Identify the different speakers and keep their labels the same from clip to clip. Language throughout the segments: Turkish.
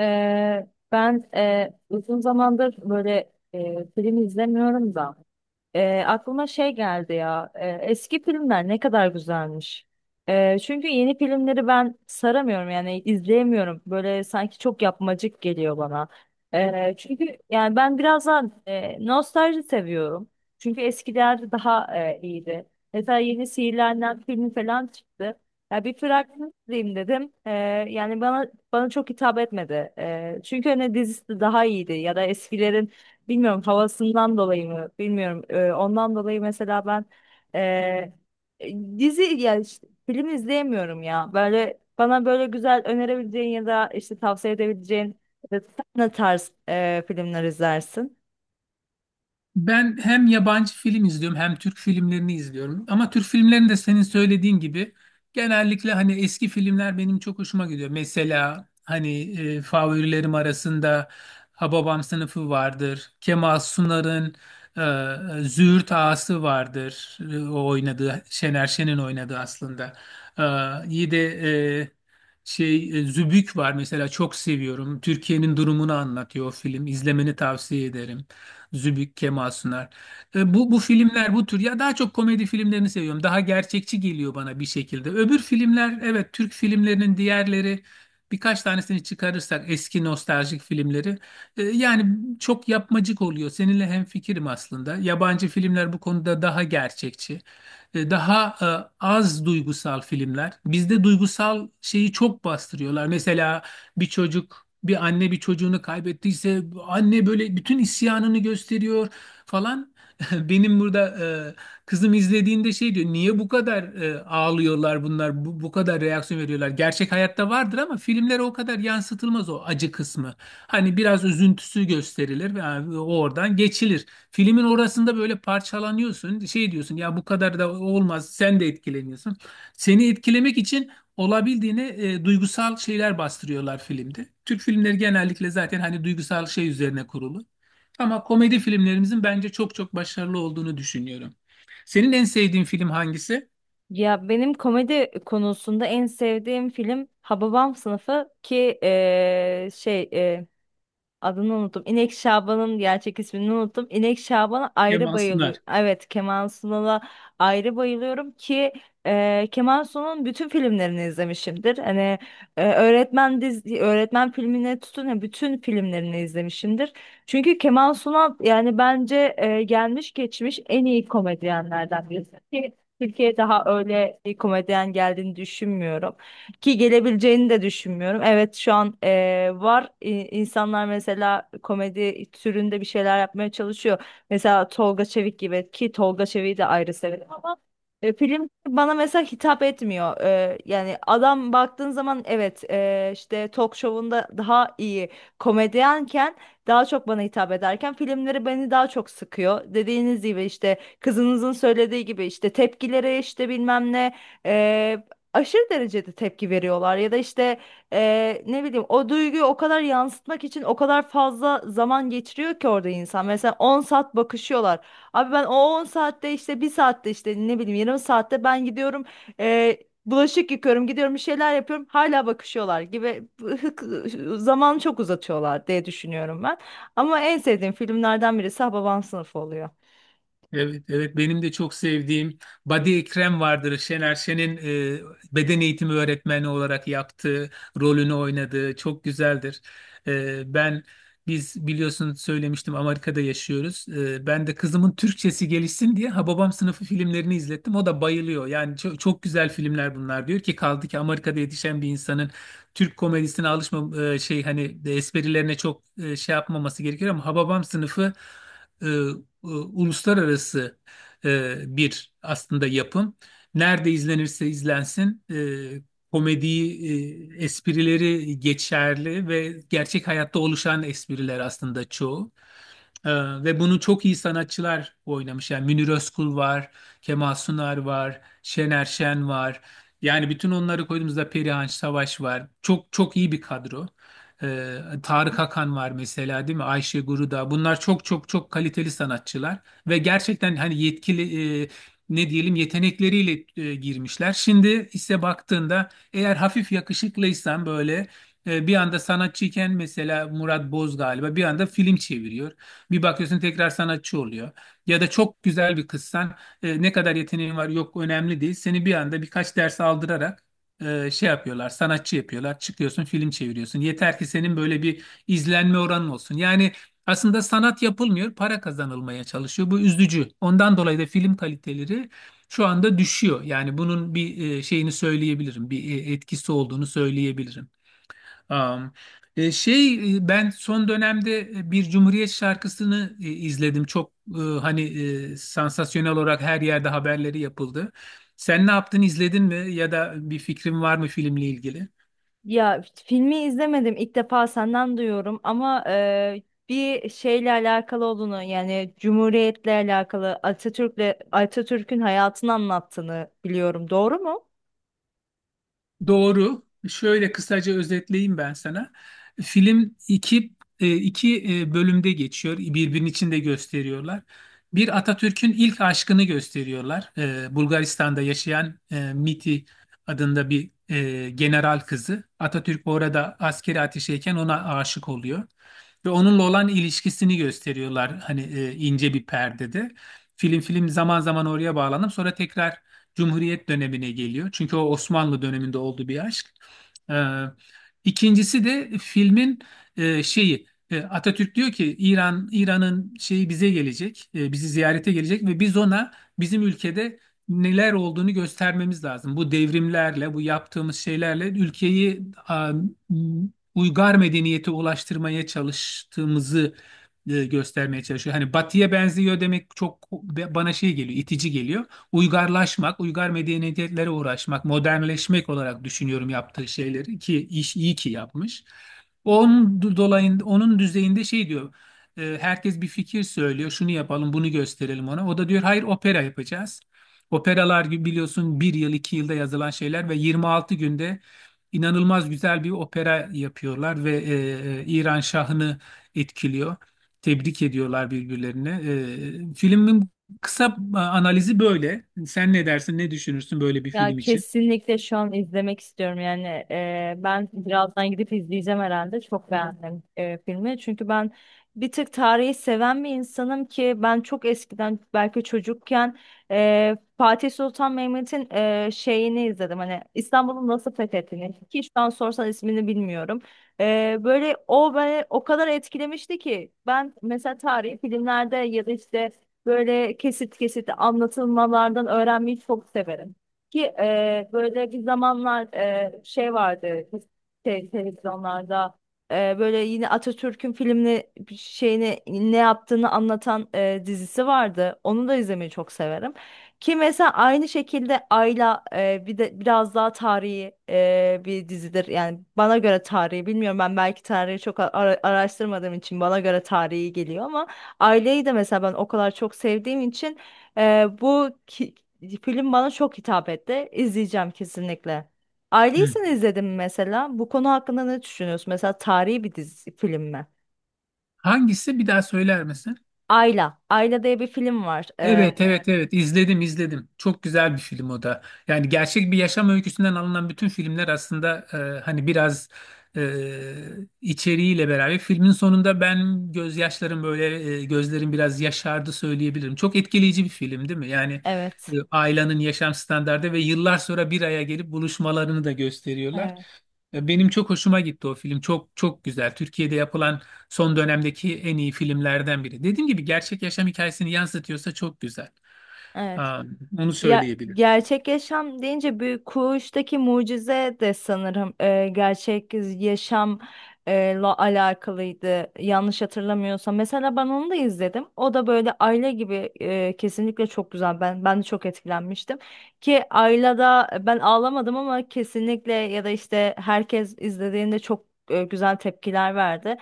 Speaker 1: Ee, ben uzun zamandır böyle film izlemiyorum da. Aklıma şey geldi ya. Eski filmler ne kadar güzelmiş. Çünkü yeni filmleri ben saramıyorum, yani izleyemiyorum. Böyle sanki çok yapmacık geliyor bana. Çünkü yani ben biraz daha nostalji seviyorum. Çünkü eskiler daha iyiydi. Mesela yeni Sihirlenen filmi falan çıktı. Ya bir fragman izleyeyim dedim. Yani bana çok hitap etmedi. Çünkü hani dizisi daha iyiydi ya da eskilerin. Bilmiyorum, havasından dolayı mı? Bilmiyorum. Ondan dolayı mesela ben eee, dizi, yani işte film izleyemiyorum ya. Böyle bana böyle güzel önerebileceğin ya da işte tavsiye edebileceğin sen ne tarz filmler izlersin?
Speaker 2: Ben hem yabancı film izliyorum hem Türk filmlerini izliyorum. Ama Türk filmlerini de senin söylediğin gibi genellikle hani eski filmler benim çok hoşuma gidiyor. Mesela hani favorilerim arasında Hababam Sınıfı vardır. Kemal Sunar'ın Züğürt Ağası vardır. O oynadığı Şener Şen'in oynadığı aslında. İyi de e, Zübük var mesela çok seviyorum. Türkiye'nin durumunu anlatıyor o film. İzlemeni tavsiye ederim. Zübük, Kemal Sunar. Bu filmler bu tür ya daha çok komedi filmlerini seviyorum. Daha gerçekçi geliyor bana bir şekilde. Öbür filmler evet Türk filmlerinin diğerleri birkaç tanesini çıkarırsak eski nostaljik filmleri yani çok yapmacık oluyor. Seninle hemfikirim aslında. Yabancı filmler bu konuda daha gerçekçi. Daha az duygusal filmler. Bizde duygusal şeyi çok bastırıyorlar. Mesela bir çocuk, bir anne bir çocuğunu kaybettiyse anne böyle bütün isyanını gösteriyor falan. Benim burada kızım izlediğinde şey diyor. Niye bu kadar ağlıyorlar bunlar? Bu kadar reaksiyon veriyorlar. Gerçek hayatta vardır ama filmlere o kadar yansıtılmaz o acı kısmı. Hani biraz üzüntüsü gösterilir ve yani o oradan geçilir. Filmin orasında böyle parçalanıyorsun. Şey diyorsun ya bu kadar da olmaz. Sen de etkileniyorsun. Seni etkilemek için olabildiğine duygusal şeyler bastırıyorlar filmde. Türk filmleri genellikle zaten hani duygusal şey üzerine kurulu. Ama komedi filmlerimizin bence çok çok başarılı olduğunu düşünüyorum. Senin en sevdiğin film hangisi?
Speaker 1: Ya benim komedi konusunda en sevdiğim film Hababam Sınıfı, ki Adını unuttum. İnek Şaban'ın gerçek ismini unuttum. İnek Şaban'a ayrı
Speaker 2: Kemal Sunal.
Speaker 1: bayılıyorum. Evet, Kemal Sunal'a ayrı bayılıyorum, ki Kemal Sunal'ın bütün filmlerini izlemişimdir. Hani öğretmen dizi, öğretmen filmine tutun ya bütün filmlerini izlemişimdir. Çünkü Kemal Sunal yani bence gelmiş geçmiş en iyi komedyenlerden birisi. Ki Türkiye'ye daha öyle bir komedyen geldiğini düşünmüyorum. Ki gelebileceğini de düşünmüyorum. Evet, şu an var, insanlar mesela komedi türünde bir şeyler yapmaya çalışıyor. Mesela Tolga Çevik gibi, ki Tolga Çevik'i de ayrı severim. Film bana mesela hitap etmiyor. Yani adam baktığın zaman, evet, işte talk show'unda daha iyi komedyenken daha çok bana hitap ederken, filmleri beni daha çok sıkıyor. Dediğiniz gibi, işte kızınızın söylediği gibi, işte tepkilere, işte bilmem ne, e, aşırı derecede tepki veriyorlar ya da işte ne bileyim, o duyguyu o kadar yansıtmak için o kadar fazla zaman geçiriyor ki orada insan. Mesela 10 saat bakışıyorlar. Abi ben o 10 saatte, işte bir saatte, işte ne bileyim, yarım saatte ben gidiyorum, e, bulaşık yıkıyorum, gidiyorum, bir şeyler yapıyorum, hala bakışıyorlar gibi. Zamanı çok uzatıyorlar diye düşünüyorum ben. Ama en sevdiğim filmlerden birisi Hababam Sınıfı oluyor.
Speaker 2: Evet, evet benim de çok sevdiğim Badi Ekrem vardır. Şener Şen'in e, beden eğitimi öğretmeni olarak yaptığı rolünü oynadığı çok güzeldir. E, ben Biz biliyorsun söylemiştim Amerika'da yaşıyoruz. Ben de kızımın Türkçesi gelişsin diye Hababam sınıfı filmlerini izlettim. O da bayılıyor. Yani çok, çok güzel filmler bunlar diyor ki kaldı ki Amerika'da yetişen bir insanın Türk komedisine alışma şey hani esprilerine çok şey yapmaması gerekiyor ama Hababam sınıfı e, uluslararası bir aslında yapım. Nerede izlenirse izlensin komediyi, esprileri geçerli ve gerçek hayatta oluşan espriler aslında çoğu. E, Ve bunu çok iyi sanatçılar oynamış. Yani Münir Özkul var, Kemal Sunar var, Şener Şen var. Yani bütün onları koyduğumuzda Perihan Savaş var. Çok çok iyi bir kadro. Tarık Akan var mesela değil mi? Ayşe Guruda. Bunlar çok çok çok kaliteli sanatçılar ve gerçekten hani yetkili ne diyelim yetenekleriyle girmişler. Şimdi ise baktığında eğer hafif yakışıklıysan böyle bir anda sanatçıyken mesela Murat Boz galiba bir anda film çeviriyor. Bir bakıyorsun tekrar sanatçı oluyor. Ya da çok güzel bir kızsan ne kadar yeteneğin var yok önemli değil. Seni bir anda birkaç ders aldırarak şey yapıyorlar, sanatçı yapıyorlar. Çıkıyorsun, film çeviriyorsun. Yeter ki senin böyle bir izlenme oranın olsun. Yani aslında sanat yapılmıyor, para kazanılmaya çalışıyor. Bu üzücü. Ondan dolayı da film kaliteleri şu anda düşüyor. Yani bunun bir şeyini söyleyebilirim, bir etkisi olduğunu söyleyebilirim. Am, e, şey e, Ben son dönemde bir Cumhuriyet şarkısını izledim. Çok hani sansasyonel olarak her yerde haberleri yapıldı. Sen ne yaptın, izledin mi ya da bir fikrin var mı filmle ilgili?
Speaker 1: Ya filmi izlemedim, ilk defa senden duyuyorum, ama bir şeyle alakalı olduğunu, yani Cumhuriyet'le alakalı, Atatürk'le, Atatürk'ün hayatını anlattığını biliyorum. Doğru mu?
Speaker 2: Doğru. Şöyle kısaca özetleyeyim ben sana. Film bölümde geçiyor. Birbirinin içinde gösteriyorlar. Bir Atatürk'ün ilk aşkını gösteriyorlar. Bulgaristan'da yaşayan Miti adında bir general kızı. Atatürk orada askeri ateşeyken ona aşık oluyor. Ve onunla olan ilişkisini gösteriyorlar. Hani ince bir perdede. Film zaman zaman oraya bağlanıp sonra tekrar Cumhuriyet dönemine geliyor. Çünkü o Osmanlı döneminde olduğu bir aşk. Ee, İkincisi de filmin şeyi, Atatürk diyor ki İran'ın şeyi bize gelecek, bizi ziyarete gelecek ve biz ona bizim ülkede neler olduğunu göstermemiz lazım. Bu devrimlerle, bu yaptığımız şeylerle ülkeyi a, uygar medeniyete ulaştırmaya çalıştığımızı göstermeye çalışıyor. Hani Batı'ya benziyor demek çok bana şey geliyor, itici geliyor uygarlaşmak, uygar medeniyetlere uğraşmak, modernleşmek olarak düşünüyorum yaptığı şeyleri ki iyi ki yapmış. Onun dolayında onun düzeyinde şey diyor. Herkes bir fikir söylüyor. Şunu yapalım, bunu gösterelim ona. O da diyor hayır opera yapacağız. Operalar gibi biliyorsun bir yıl iki yılda yazılan şeyler ve 26 günde inanılmaz güzel bir opera yapıyorlar ve İran şahını etkiliyor. Tebrik ediyorlar birbirlerini. Filmin kısa analizi böyle. Sen ne dersin, ne düşünürsün böyle bir
Speaker 1: Ya
Speaker 2: film için?
Speaker 1: kesinlikle şu an izlemek istiyorum, yani ben birazdan gidip izleyeceğim herhalde, çok beğendim filmi, çünkü ben bir tık tarihi seven bir insanım. Ki ben çok eskiden, belki çocukken, Fatih Sultan Mehmet'in şeyini izledim, hani İstanbul'un nasıl fethettiğini, ki şu an sorsan ismini bilmiyorum. Böyle o beni o kadar etkilemişti ki ben mesela tarihi filmlerde ya da işte böyle kesit kesit anlatılmalardan öğrenmeyi çok severim. Ki böyle bir zamanlar şey vardı, televizyonlarda, böyle yine Atatürk'ün filmini, bir şeyini, ne yaptığını anlatan dizisi vardı. Onu da izlemeyi çok severim. Ki mesela aynı şekilde Ayla bir de biraz daha tarihi bir dizidir. Yani bana göre tarihi, bilmiyorum, ben belki tarihi çok araştırmadığım için bana göre tarihi geliyor ama Aileyi de mesela ben o kadar çok sevdiğim için ee, bu ki- film bana çok hitap etti. İzleyeceğim kesinlikle.
Speaker 2: Hı.
Speaker 1: Aileysen izledim mi mesela. Bu konu hakkında ne düşünüyorsun? Mesela tarihi bir dizi film mi?
Speaker 2: Hangisi bir daha söyler misin?
Speaker 1: Ayla. Ayla diye bir film var.
Speaker 2: Evet evet evet izledim izledim. Çok güzel bir film o da. Yani gerçek bir yaşam öyküsünden alınan bütün filmler aslında hani biraz e, içeriğiyle beraber filmin sonunda ben gözyaşlarım böyle gözlerim biraz yaşardı söyleyebilirim. Çok etkileyici bir film değil mi? Yani
Speaker 1: Evet.
Speaker 2: ailenin yaşam standardı ve yıllar sonra bir araya gelip buluşmalarını da gösteriyorlar.
Speaker 1: Evet.
Speaker 2: Benim çok hoşuma gitti o film. Çok çok güzel. Türkiye'de yapılan son dönemdeki en iyi filmlerden biri. Dediğim gibi gerçek yaşam hikayesini yansıtıyorsa çok güzel.
Speaker 1: Evet.
Speaker 2: Aa, Onu
Speaker 1: Ya
Speaker 2: söyleyebilirim.
Speaker 1: gerçek yaşam deyince Büyük Kuş'taki mucize de sanırım gerçek yaşamla alakalıydı, yanlış hatırlamıyorsam. Mesela ben onu da izledim. O da böyle Ayla gibi, kesinlikle çok güzel. Ben de çok etkilenmiştim. Ki Ayla'da ben ağlamadım ama kesinlikle, ya da işte herkes izlediğinde çok güzel tepkiler verdi.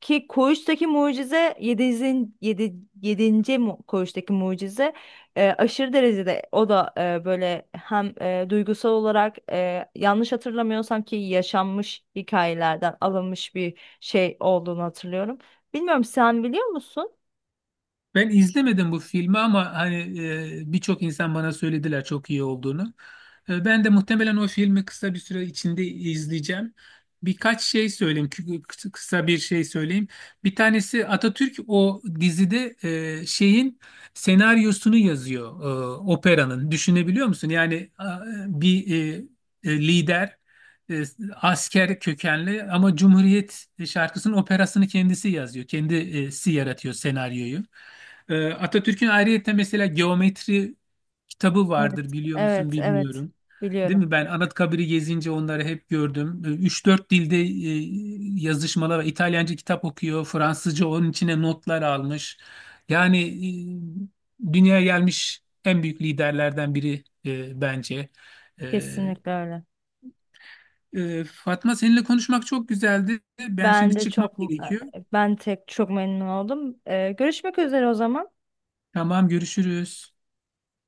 Speaker 1: Ki Koğuş'taki mucize yedinci 7. 7. Koğuş'taki mucize aşırı derecede, o da böyle hem duygusal olarak, yanlış hatırlamıyorsam ki yaşanmış hikayelerden alınmış bir şey olduğunu hatırlıyorum. Bilmiyorum, sen biliyor musun?
Speaker 2: Ben izlemedim bu filmi ama hani birçok insan bana söylediler çok iyi olduğunu. Ben de muhtemelen o filmi kısa bir süre içinde izleyeceğim. Birkaç şey söyleyeyim, kısa bir şey söyleyeyim. Bir tanesi Atatürk o dizide şeyin senaryosunu yazıyor, operanın. Düşünebiliyor musun? Yani bir lider, e, asker kökenli ama Cumhuriyet şarkısının operasını kendisi yazıyor. Kendisi yaratıyor senaryoyu. Atatürk'ün ayrıyeten mesela geometri kitabı
Speaker 1: Evet.
Speaker 2: vardır biliyor musun
Speaker 1: Evet, evet.
Speaker 2: bilmiyorum. Değil
Speaker 1: Biliyorum.
Speaker 2: mi? Ben Anıtkabir'i gezince onları hep gördüm. Üç dört dilde yazışmalar var. İtalyanca kitap okuyor. Fransızca onun içine notlar almış. Yani dünyaya gelmiş en büyük liderlerden biri, bence. E,
Speaker 1: Kesinlikle öyle.
Speaker 2: Fatma, seninle konuşmak çok güzeldi. Ben
Speaker 1: Ben
Speaker 2: şimdi
Speaker 1: de
Speaker 2: çıkmam
Speaker 1: çok
Speaker 2: gerekiyor.
Speaker 1: ben tek çok memnun oldum. Görüşmek üzere o zaman.
Speaker 2: Tamam, görüşürüz.